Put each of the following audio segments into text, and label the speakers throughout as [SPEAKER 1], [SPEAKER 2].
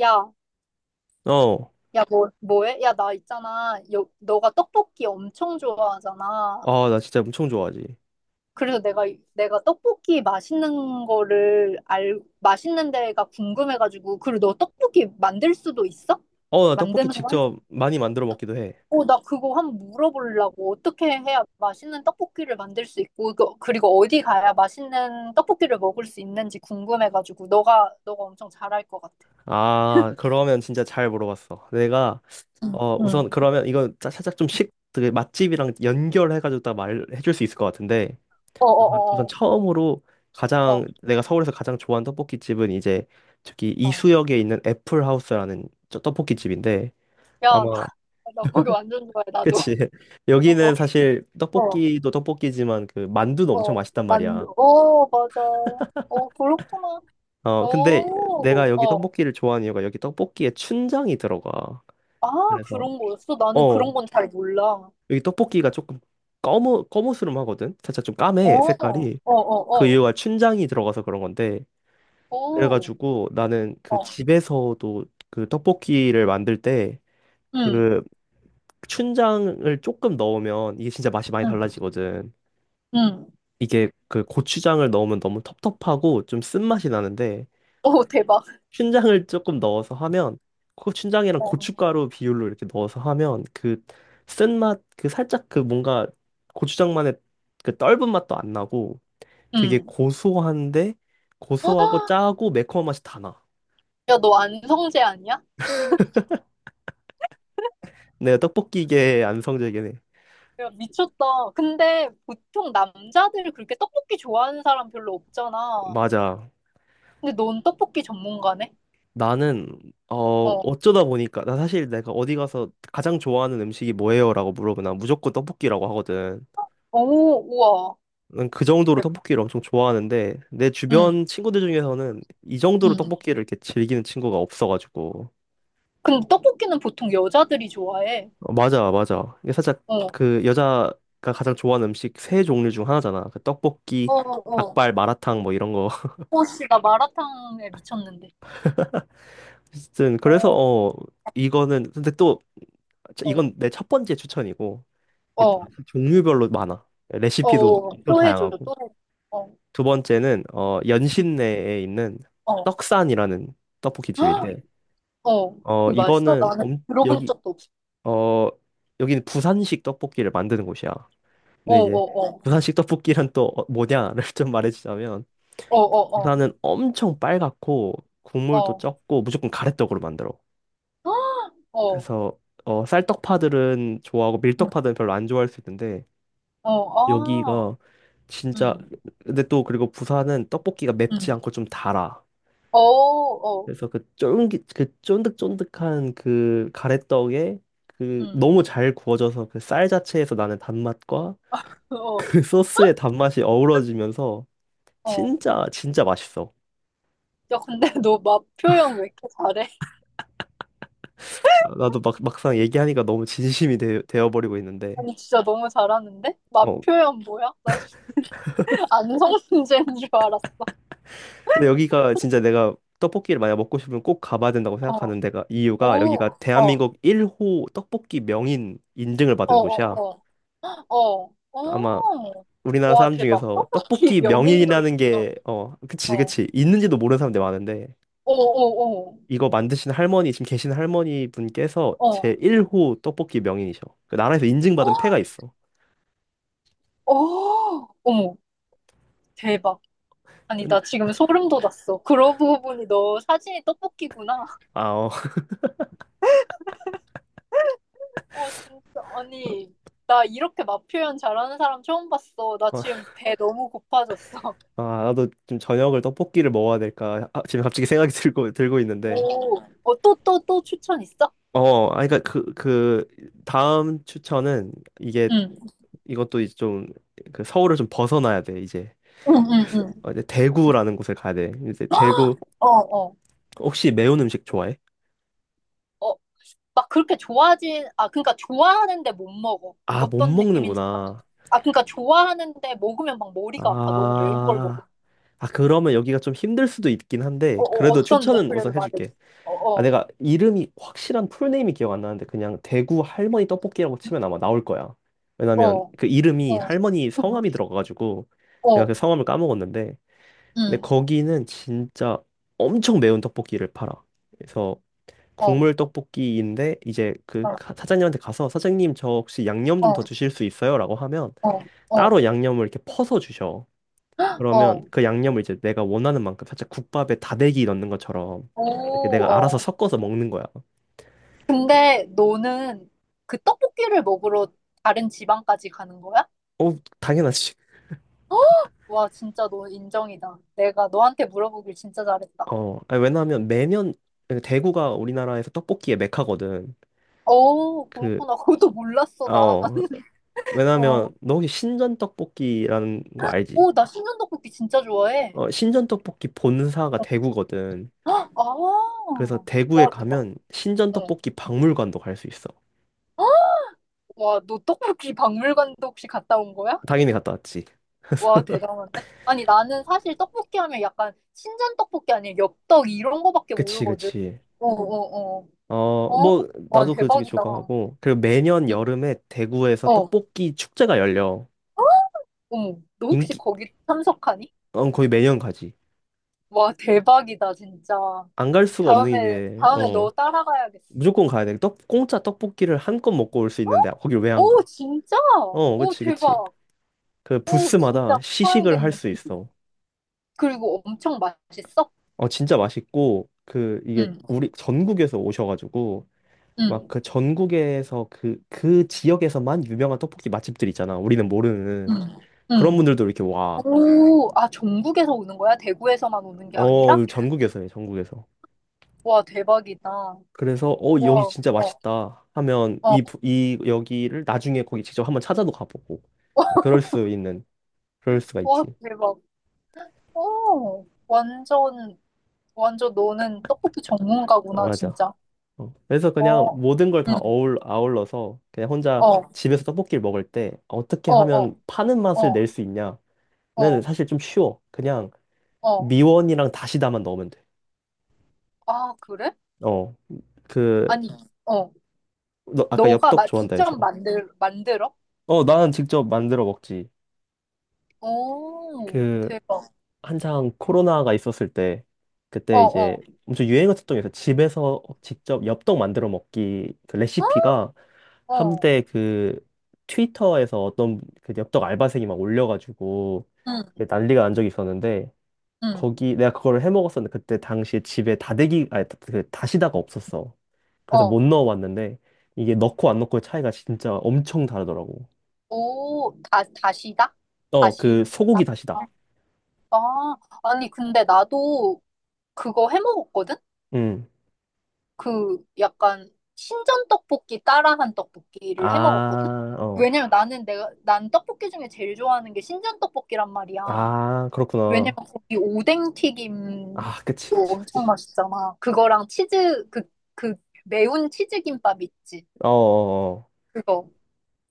[SPEAKER 1] 야,
[SPEAKER 2] 어.
[SPEAKER 1] 야, 뭐해? 야, 나 있잖아. 너가 떡볶이 엄청 좋아하잖아.
[SPEAKER 2] 아, 나 진짜 엄청 좋아하지.
[SPEAKER 1] 그래서 내가 떡볶이 맛있는 거를 맛있는 데가 궁금해가지고. 그리고 너 떡볶이 만들 수도 있어?
[SPEAKER 2] 나 떡볶이
[SPEAKER 1] 만드는 거 할 수 있어?
[SPEAKER 2] 직접 많이 만들어 먹기도 해.
[SPEAKER 1] 어, 나 그거 한번 물어보려고. 어떻게 해야 맛있는 떡볶이를 만들 수 있고, 그리고 어디 가야 맛있는 떡볶이를 먹을 수 있는지 궁금해가지고. 너가 엄청 잘할 것 같아.
[SPEAKER 2] 아, 그러면 진짜 잘 물어봤어. 내가,
[SPEAKER 1] 응.
[SPEAKER 2] 우선
[SPEAKER 1] 응.
[SPEAKER 2] 그러면 이거 살짝 좀 그 맛집이랑 연결해가지고 딱 말해줄 수 있을 것 같은데. 우선
[SPEAKER 1] 어어어어.
[SPEAKER 2] 처음으로
[SPEAKER 1] 어, 어.
[SPEAKER 2] 내가 서울에서 가장 좋아하는 떡볶이집은 이제 저기
[SPEAKER 1] 어, 어.
[SPEAKER 2] 이수역에 있는 애플하우스라는 저 떡볶이집인데.
[SPEAKER 1] 야,
[SPEAKER 2] 아마,
[SPEAKER 1] 나 거기 완전 좋아해, 나도.
[SPEAKER 2] 그치.
[SPEAKER 1] 어,
[SPEAKER 2] 여기는 사실
[SPEAKER 1] 어,
[SPEAKER 2] 떡볶이도 떡볶이지만 그 만두도 엄청
[SPEAKER 1] 어.
[SPEAKER 2] 맛있단 말이야.
[SPEAKER 1] 맞아. 어, 그렇구나.
[SPEAKER 2] 근데 내가
[SPEAKER 1] 오,
[SPEAKER 2] 여기
[SPEAKER 1] 어.
[SPEAKER 2] 떡볶이를 좋아하는 이유가 여기 떡볶이에 춘장이 들어가.
[SPEAKER 1] 아,
[SPEAKER 2] 그래서,
[SPEAKER 1] 그런 거였어? 나는
[SPEAKER 2] 어,
[SPEAKER 1] 그런 건 잘 몰라.
[SPEAKER 2] 여기 떡볶이가 조금 검은스름하거든? 살짝 좀
[SPEAKER 1] 어,
[SPEAKER 2] 까매,
[SPEAKER 1] 어,
[SPEAKER 2] 색깔이.
[SPEAKER 1] 어,
[SPEAKER 2] 그
[SPEAKER 1] 어.
[SPEAKER 2] 이유가 춘장이 들어가서 그런 건데.
[SPEAKER 1] 오,
[SPEAKER 2] 그래가지고 나는 그
[SPEAKER 1] 어.
[SPEAKER 2] 집에서도 그 떡볶이를 만들 때
[SPEAKER 1] 응,
[SPEAKER 2] 그 춘장을 조금 넣으면 이게 진짜 맛이 많이
[SPEAKER 1] 응,
[SPEAKER 2] 달라지거든.
[SPEAKER 1] 응.
[SPEAKER 2] 이게 그 고추장을 넣으면 너무 텁텁하고 좀 쓴맛이 나는데
[SPEAKER 1] 오, 대박.
[SPEAKER 2] 춘장을 조금 넣어서 하면 그 춘장이랑
[SPEAKER 1] 어,
[SPEAKER 2] 고춧가루 비율로 이렇게 넣어서 하면 그 쓴맛 그 살짝 그 뭔가 고추장만의 그 떫은 맛도 안 나고 되게
[SPEAKER 1] 응.
[SPEAKER 2] 고소한데
[SPEAKER 1] 헉,
[SPEAKER 2] 고소하고 짜고 매콤한 맛이 다 나.
[SPEAKER 1] 야, 너 안성재 아니야?
[SPEAKER 2] 내가 떡볶이계 안성재계네.
[SPEAKER 1] 야, 미쳤다. 근데 보통 남자들 그렇게 떡볶이 좋아하는 사람 별로 없잖아.
[SPEAKER 2] 맞아.
[SPEAKER 1] 근데 넌 떡볶이 전문가네?
[SPEAKER 2] 나는
[SPEAKER 1] 어.
[SPEAKER 2] 어쩌다 보니까 나 사실 내가 어디 가서 가장 좋아하는 음식이 뭐예요라고 물어보면 난 무조건 떡볶이라고 하거든.
[SPEAKER 1] 오, 우와.
[SPEAKER 2] 저는 그 정도로 떡볶이를 엄청 좋아하는데 내
[SPEAKER 1] 응,
[SPEAKER 2] 주변 친구들 중에서는 이 정도로
[SPEAKER 1] 응.
[SPEAKER 2] 떡볶이를 이렇게 즐기는 친구가 없어가지고
[SPEAKER 1] 근데 떡볶이는 보통 여자들이 좋아해.
[SPEAKER 2] 맞아 맞아 이게 살짝
[SPEAKER 1] 어, 어,
[SPEAKER 2] 그 여자가 가장 좋아하는 음식 세 종류 중 하나잖아 그 떡볶이
[SPEAKER 1] 어, 어.
[SPEAKER 2] 닭발 마라탕 뭐 이런 거
[SPEAKER 1] 어, 씨, 나 마라탕에 미쳤는데.
[SPEAKER 2] 어쨌든 그래서
[SPEAKER 1] 어,
[SPEAKER 2] 이거는 근데 또 자,
[SPEAKER 1] 어,
[SPEAKER 2] 이건 내 첫 번째 추천이고 이게 또
[SPEAKER 1] 어,
[SPEAKER 2] 종류별로 많아
[SPEAKER 1] 어,
[SPEAKER 2] 레시피도
[SPEAKER 1] 어.
[SPEAKER 2] 엄청
[SPEAKER 1] 또 해줘,
[SPEAKER 2] 다양하고
[SPEAKER 1] 또 해줘. 어,
[SPEAKER 2] 두 번째는 연신내에 있는
[SPEAKER 1] 어.
[SPEAKER 2] 떡산이라는 떡볶이
[SPEAKER 1] 헉!
[SPEAKER 2] 집인데
[SPEAKER 1] 어,
[SPEAKER 2] 어,
[SPEAKER 1] 거기 맛있어?
[SPEAKER 2] 이거는
[SPEAKER 1] 나는
[SPEAKER 2] 엄,
[SPEAKER 1] 들어본
[SPEAKER 2] 여기,
[SPEAKER 1] 적도 없어.
[SPEAKER 2] 어, 여기는 부산식 떡볶이를 만드는 곳이야.
[SPEAKER 1] 어,
[SPEAKER 2] 근데 이제
[SPEAKER 1] 어, 어.
[SPEAKER 2] 부산식 떡볶이란 또 뭐냐를 좀 말해주자면
[SPEAKER 1] 어, 어,
[SPEAKER 2] 부산은 엄청 빨갛고
[SPEAKER 1] 어.
[SPEAKER 2] 국물도
[SPEAKER 1] 어.
[SPEAKER 2] 적고 무조건 가래떡으로 만들어.
[SPEAKER 1] 헉! 어,
[SPEAKER 2] 그래서 쌀떡파들은 좋아하고
[SPEAKER 1] 음,
[SPEAKER 2] 밀떡파들은 별로 안 좋아할 수 있는데
[SPEAKER 1] 어, 아,
[SPEAKER 2] 여기가 진짜
[SPEAKER 1] 음,
[SPEAKER 2] 근데 또 그리고 부산은 떡볶이가 맵지
[SPEAKER 1] 음.
[SPEAKER 2] 않고 좀 달아.
[SPEAKER 1] 어, 어,
[SPEAKER 2] 그래서 그 쫄깃 그 쫀득쫀득한 그 가래떡에 그
[SPEAKER 1] 음.
[SPEAKER 2] 너무 잘 구워져서 그 쌀 자체에서 나는 단맛과 그
[SPEAKER 1] 어,
[SPEAKER 2] 소스의 단맛이 어우러지면서
[SPEAKER 1] 어.
[SPEAKER 2] 진짜 진짜 맛있어.
[SPEAKER 1] 야, 근데 너 맛 표현 왜 이렇게 잘해?
[SPEAKER 2] 아, 나도 막 막상 얘기하니까 너무 진심이 되어버리고 있는데.
[SPEAKER 1] 아니 진짜 너무 잘하는데? 맛
[SPEAKER 2] 어.
[SPEAKER 1] 표현 뭐야? 나 진짜 안성문제인 줄 알았어.
[SPEAKER 2] 근데 여기가 진짜 내가 떡볶이를 만약 먹고 싶으면 꼭 가봐야 된다고
[SPEAKER 1] 어.
[SPEAKER 2] 생각하는 데가 이유가 여기가
[SPEAKER 1] 오. 어. 어.
[SPEAKER 2] 대한민국 1호 떡볶이 명인 인증을
[SPEAKER 1] 어.
[SPEAKER 2] 받은 곳이야.
[SPEAKER 1] 어. 어.
[SPEAKER 2] 아마
[SPEAKER 1] 어.
[SPEAKER 2] 우리나라
[SPEAKER 1] 와
[SPEAKER 2] 사람
[SPEAKER 1] 대박.
[SPEAKER 2] 중에서
[SPEAKER 1] 떡볶이
[SPEAKER 2] 떡볶이
[SPEAKER 1] 명인도
[SPEAKER 2] 명인이라는
[SPEAKER 1] 있어.
[SPEAKER 2] 게, 그치,
[SPEAKER 1] 어.
[SPEAKER 2] 그치. 있는지도 모르는 사람들 많은데,
[SPEAKER 1] 어. 어.
[SPEAKER 2] 이거 만드신 할머니, 지금 계신 할머니 분께서
[SPEAKER 1] 어.
[SPEAKER 2] 제
[SPEAKER 1] 어.
[SPEAKER 2] 1호 떡볶이 명인이셔. 그 나라에서 인증받은 패가 있어.
[SPEAKER 1] 어. 어머. 대박. 아니
[SPEAKER 2] 은-
[SPEAKER 1] 나 지금 소름 돋았어. 그러고 보니 너 사진이 떡볶이구나.
[SPEAKER 2] 아, 어.
[SPEAKER 1] 어 진짜 아니 나 이렇게 맛 표현 잘하는 사람 처음 봤어. 나 지금 배 너무 고파졌어.
[SPEAKER 2] 아, 나도 좀 저녁을 떡볶이를 먹어야 될까. 아, 지금 갑자기 생각이 들고 있는데.
[SPEAKER 1] 오, 어, 또, 또, 또 추천 있어?
[SPEAKER 2] 아, 그니까 그, 다음 추천은 이게,
[SPEAKER 1] 응,
[SPEAKER 2] 이것도 이제 좀, 그 서울을 좀 벗어나야 돼, 이제.
[SPEAKER 1] 응, 응, 응.
[SPEAKER 2] 이제 대구라는 곳을 가야 돼. 이제 대구,
[SPEAKER 1] 어, 어.
[SPEAKER 2] 혹시 매운 음식 좋아해?
[SPEAKER 1] 어, 막 그렇게 좋아하진, 아, 그러니까 좋아하는데 못 먹어.
[SPEAKER 2] 아, 못
[SPEAKER 1] 어떤 느낌인지. 알아?
[SPEAKER 2] 먹는구나.
[SPEAKER 1] 아, 그러니까 좋아하는데 먹으면 막 머리가 아파. 너무 매운 걸 먹으면.
[SPEAKER 2] 아, 아, 그러면 여기가 좀 힘들 수도 있긴
[SPEAKER 1] 어,
[SPEAKER 2] 한데,
[SPEAKER 1] 어,
[SPEAKER 2] 그래도
[SPEAKER 1] 어떤데?
[SPEAKER 2] 추천은
[SPEAKER 1] 그래도
[SPEAKER 2] 우선
[SPEAKER 1] 말해줘.
[SPEAKER 2] 해줄게.
[SPEAKER 1] 어,
[SPEAKER 2] 아,
[SPEAKER 1] 어,
[SPEAKER 2] 내가 이름이, 확실한 풀네임이 기억 안 나는데, 그냥 대구 할머니 떡볶이라고 치면 아마 나올 거야. 왜냐면
[SPEAKER 1] 어,
[SPEAKER 2] 그 이름이
[SPEAKER 1] 어,
[SPEAKER 2] 할머니 성함이 들어가가지고, 내가 그
[SPEAKER 1] 어,
[SPEAKER 2] 성함을 까먹었는데, 근데
[SPEAKER 1] 응,
[SPEAKER 2] 거기는 진짜 엄청 매운 떡볶이를 팔아. 그래서
[SPEAKER 1] 어,
[SPEAKER 2] 국물 떡볶이인데, 이제 그
[SPEAKER 1] 어,
[SPEAKER 2] 사장님한테 가서, 사장님 저 혹시 양념 좀
[SPEAKER 1] 어,
[SPEAKER 2] 더 주실 수 있어요? 라고 하면,
[SPEAKER 1] 어, 어,
[SPEAKER 2] 따로 양념을 이렇게 퍼서 주셔. 그러면
[SPEAKER 1] 어.
[SPEAKER 2] 그 양념을 이제 내가 원하는 만큼 살짝 국밥에 다대기 넣는 것처럼 이렇게
[SPEAKER 1] 오,
[SPEAKER 2] 내가 알아서
[SPEAKER 1] 어.
[SPEAKER 2] 섞어서 먹는 거야. 그-
[SPEAKER 1] 근데 너는 그 떡볶이를 먹으러 다른 지방까지 가는 거야?
[SPEAKER 2] 어, 당연하지.
[SPEAKER 1] 와, 진짜 너 인정이다. 내가 너한테 물어보길 진짜 잘했다.
[SPEAKER 2] 어, 아니, 왜냐하면 매년 대구가 우리나라에서 떡볶이의 메카거든.
[SPEAKER 1] 어,
[SPEAKER 2] 그,
[SPEAKER 1] 그렇구나. 그것도 몰랐어,
[SPEAKER 2] 아,
[SPEAKER 1] 나.
[SPEAKER 2] 어,
[SPEAKER 1] 어,
[SPEAKER 2] 왜냐하면 너 혹시 신전 떡볶이라는 거 알지?
[SPEAKER 1] 어, 나 신전 떡볶이 진짜 좋아해.
[SPEAKER 2] 어, 신전 떡볶이 본사가 대구거든.
[SPEAKER 1] 아,
[SPEAKER 2] 그래서 대구에
[SPEAKER 1] 와, 대박.
[SPEAKER 2] 가면 신전
[SPEAKER 1] 어.
[SPEAKER 2] 떡볶이 박물관도 갈 수 있어.
[SPEAKER 1] 와, 너 떡볶이 박물관도 혹시 갔다 온 거야?
[SPEAKER 2] 당연히 갔다 왔지.
[SPEAKER 1] 와, 대단한데? 아니, 나는 사실 떡볶이 하면 약간 신전 떡볶이 아니면 엽떡 이런 거밖에
[SPEAKER 2] 그치,
[SPEAKER 1] 모르거든.
[SPEAKER 2] 그치.
[SPEAKER 1] 어, 어, 어. 어,
[SPEAKER 2] 뭐,
[SPEAKER 1] 와, 응.
[SPEAKER 2] 나도 그 되게
[SPEAKER 1] 대박이다.
[SPEAKER 2] 좋아하고. 그리고 매년
[SPEAKER 1] 응.
[SPEAKER 2] 여름에 대구에서
[SPEAKER 1] 어,
[SPEAKER 2] 떡볶이 축제가 열려.
[SPEAKER 1] 어. 너 혹시
[SPEAKER 2] 인기,
[SPEAKER 1] 거기 참석하니?
[SPEAKER 2] 거의 매년 가지.
[SPEAKER 1] 와, 대박이다, 진짜.
[SPEAKER 2] 안 갈 수가 없는
[SPEAKER 1] 다음에,
[SPEAKER 2] 게,
[SPEAKER 1] 다음에 너 따라가야겠어.
[SPEAKER 2] 무조건 가야 돼. 공짜 떡볶이를 한껏 먹고 올 수 있는데, 거길 왜 안
[SPEAKER 1] 오,
[SPEAKER 2] 가?
[SPEAKER 1] 진짜?
[SPEAKER 2] 어,
[SPEAKER 1] 오,
[SPEAKER 2] 그치, 그치.
[SPEAKER 1] 대박.
[SPEAKER 2] 그
[SPEAKER 1] 오,
[SPEAKER 2] 부스마다
[SPEAKER 1] 진짜
[SPEAKER 2] 시식을
[SPEAKER 1] 파야겠네.
[SPEAKER 2] 할 수 있어.
[SPEAKER 1] 그리고 엄청 맛있어?
[SPEAKER 2] 진짜 맛있고, 그, 이게,
[SPEAKER 1] 응,
[SPEAKER 2] 우리, 전국에서 오셔가지고, 막
[SPEAKER 1] 응,
[SPEAKER 2] 그 전국에서 그 지역에서만 유명한 떡볶이 맛집들 있잖아. 우리는 모르는.
[SPEAKER 1] 응,
[SPEAKER 2] 그런
[SPEAKER 1] 응.
[SPEAKER 2] 분들도 이렇게 와.
[SPEAKER 1] 오, 아, 전국에서 오는 거야? 대구에서만 오는 게 아니라?
[SPEAKER 2] 어, 전국에서요, 전국에서.
[SPEAKER 1] 와, 대박이다. 와,
[SPEAKER 2] 그래서, 여기
[SPEAKER 1] 어,
[SPEAKER 2] 진짜 맛있다 하면,
[SPEAKER 1] 어,
[SPEAKER 2] 여기를 나중에 거기 직접 한번 찾아도 가보고. 그럴 수 있는, 그럴 수가
[SPEAKER 1] 와,
[SPEAKER 2] 있지.
[SPEAKER 1] 대박. 오, 완전, 완전 너는 떡볶이
[SPEAKER 2] 어,
[SPEAKER 1] 전문가구나,
[SPEAKER 2] 맞아.
[SPEAKER 1] 진짜.
[SPEAKER 2] 어. 그래서 그냥
[SPEAKER 1] 어,
[SPEAKER 2] 모든 걸
[SPEAKER 1] 응,
[SPEAKER 2] 다 아울러서 그냥 혼자
[SPEAKER 1] 어,
[SPEAKER 2] 집에서 떡볶이를 먹을 때 어떻게
[SPEAKER 1] 어,
[SPEAKER 2] 하면
[SPEAKER 1] 어,
[SPEAKER 2] 파는 맛을
[SPEAKER 1] 어,
[SPEAKER 2] 낼 수 있냐는
[SPEAKER 1] 어,
[SPEAKER 2] 사실 좀 쉬워. 그냥
[SPEAKER 1] 어.
[SPEAKER 2] 미원이랑 다시다만 넣으면 돼.
[SPEAKER 1] 아, 그래?
[SPEAKER 2] 어, 그,
[SPEAKER 1] 아니, 어.
[SPEAKER 2] 너 아까
[SPEAKER 1] 너가
[SPEAKER 2] 엽떡 좋아한다
[SPEAKER 1] 직접
[SPEAKER 2] 해서.
[SPEAKER 1] 만들어?
[SPEAKER 2] 어, 나는 직접 만들어 먹지.
[SPEAKER 1] 오,
[SPEAKER 2] 그,
[SPEAKER 1] 대박.
[SPEAKER 2] 한창 코로나가 있었을 때
[SPEAKER 1] 어,
[SPEAKER 2] 그때 이제
[SPEAKER 1] 어,
[SPEAKER 2] 엄청 유행했었던 게 있어요. 집에서 직접 엽떡 만들어 먹기 그 레시피가
[SPEAKER 1] 어,
[SPEAKER 2] 한때 그 트위터에서 어떤 그 엽떡 알바생이 막 올려가지고
[SPEAKER 1] 응,
[SPEAKER 2] 그게 난리가 난 적이 있었는데
[SPEAKER 1] 응,
[SPEAKER 2] 거기 내가 그걸 해 먹었었는데 그때 당시에 집에 다대기 아니 그 다시다가 없었어. 그래서 못
[SPEAKER 1] 어.
[SPEAKER 2] 넣어봤는데 이게 넣고 안 넣고의 차이가 진짜 엄청 다르더라고.
[SPEAKER 1] 오, 다시다?
[SPEAKER 2] 어, 그
[SPEAKER 1] 다시다?
[SPEAKER 2] 소고기 다시다.
[SPEAKER 1] 아, 아니, 근데 나도 그거 해 먹었거든?
[SPEAKER 2] 음.
[SPEAKER 1] 그 약간 신전 떡볶이 따라한 떡볶이를 해 먹었거든?
[SPEAKER 2] 아, 어.
[SPEAKER 1] 왜냐면 난 떡볶이 중에 제일 좋아하는 게 신전 떡볶이란 말이야.
[SPEAKER 2] 아,
[SPEAKER 1] 왜냐면
[SPEAKER 2] 그렇구나.
[SPEAKER 1] 거기 오뎅 튀김도
[SPEAKER 2] 아, 그치, 그치,
[SPEAKER 1] 엄청
[SPEAKER 2] 그치.
[SPEAKER 1] 맛있잖아. 그거랑 치즈, 그, 매운 치즈 김밥 있지.
[SPEAKER 2] 어어어.
[SPEAKER 1] 그거.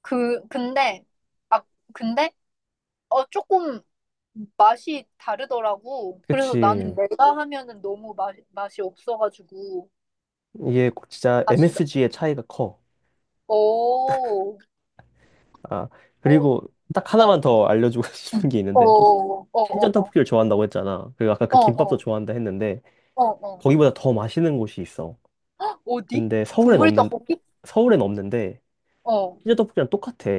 [SPEAKER 1] 그, 근데, 아, 근데, 조금 맛이 다르더라고. 그래서
[SPEAKER 2] 그치.
[SPEAKER 1] 나는 내가 하면은 너무 맛이 없어가지고.
[SPEAKER 2] 이게 진짜
[SPEAKER 1] 맛이,
[SPEAKER 2] MSG의 차이가 커.
[SPEAKER 1] 오,
[SPEAKER 2] 아,
[SPEAKER 1] 오,
[SPEAKER 2] 그리고 딱
[SPEAKER 1] 어,
[SPEAKER 2] 하나만 더 알려주고 싶은
[SPEAKER 1] 응.
[SPEAKER 2] 게
[SPEAKER 1] 어,
[SPEAKER 2] 있는데,
[SPEAKER 1] 어,
[SPEAKER 2] 신전
[SPEAKER 1] 어, 어,
[SPEAKER 2] 떡볶이를 좋아한다고 했잖아. 그리고 아까 그
[SPEAKER 1] 어,
[SPEAKER 2] 김밥도
[SPEAKER 1] 어,
[SPEAKER 2] 좋아한다 했는데,
[SPEAKER 1] 어, 어. 어.
[SPEAKER 2] 거기보다 더 맛있는 곳이 있어.
[SPEAKER 1] 어디?
[SPEAKER 2] 근데
[SPEAKER 1] 국물 떡볶이?
[SPEAKER 2] 서울엔 없는데,
[SPEAKER 1] 어,
[SPEAKER 2] 신전 떡볶이랑 똑같아.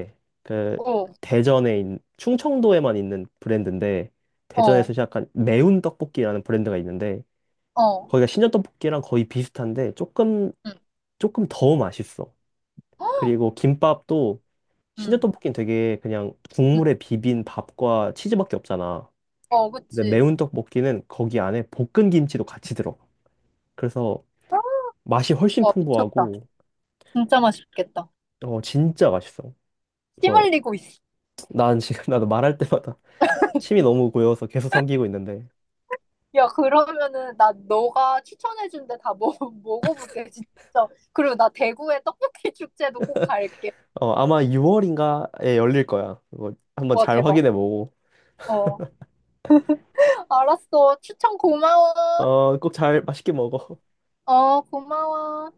[SPEAKER 2] 그,
[SPEAKER 1] 어,
[SPEAKER 2] 충청도에만 있는 브랜드인데, 대전에서
[SPEAKER 1] 어,
[SPEAKER 2] 시작한 매운 떡볶이라는 브랜드가 있는데,
[SPEAKER 1] 어.
[SPEAKER 2] 거기가 신전 떡볶이랑 거의 비슷한데
[SPEAKER 1] 응.
[SPEAKER 2] 조금 더 맛있어. 그리고 김밥도 신전
[SPEAKER 1] 응.
[SPEAKER 2] 떡볶이는 되게 그냥 국물에 비빈 밥과 치즈밖에 없잖아.
[SPEAKER 1] 어,
[SPEAKER 2] 근데
[SPEAKER 1] 그치.
[SPEAKER 2] 매운 떡볶이는 거기 안에 볶은 김치도 같이 들어가. 그래서 맛이 훨씬
[SPEAKER 1] 와, 미쳤다.
[SPEAKER 2] 풍부하고
[SPEAKER 1] 진짜 맛있겠다.
[SPEAKER 2] 진짜 맛있어.
[SPEAKER 1] 침
[SPEAKER 2] 그래서
[SPEAKER 1] 흘리고 있어.
[SPEAKER 2] 난 지금 나도 말할 때마다 침이 너무 고여서 계속 삼키고 있는데
[SPEAKER 1] 야, 그러면은 나 너가 추천해준 데 다 먹어볼게, 진짜. 그리고 나 대구의 떡볶이 축제도 꼭 갈게.
[SPEAKER 2] 아마 6월인가에 열릴 거야. 그거 한번
[SPEAKER 1] 와,
[SPEAKER 2] 잘
[SPEAKER 1] 대박.
[SPEAKER 2] 확인해 보고
[SPEAKER 1] 어, 알았어. 추천 고마워.
[SPEAKER 2] 어꼭 잘 맛있게 먹어.
[SPEAKER 1] 어, 고마워.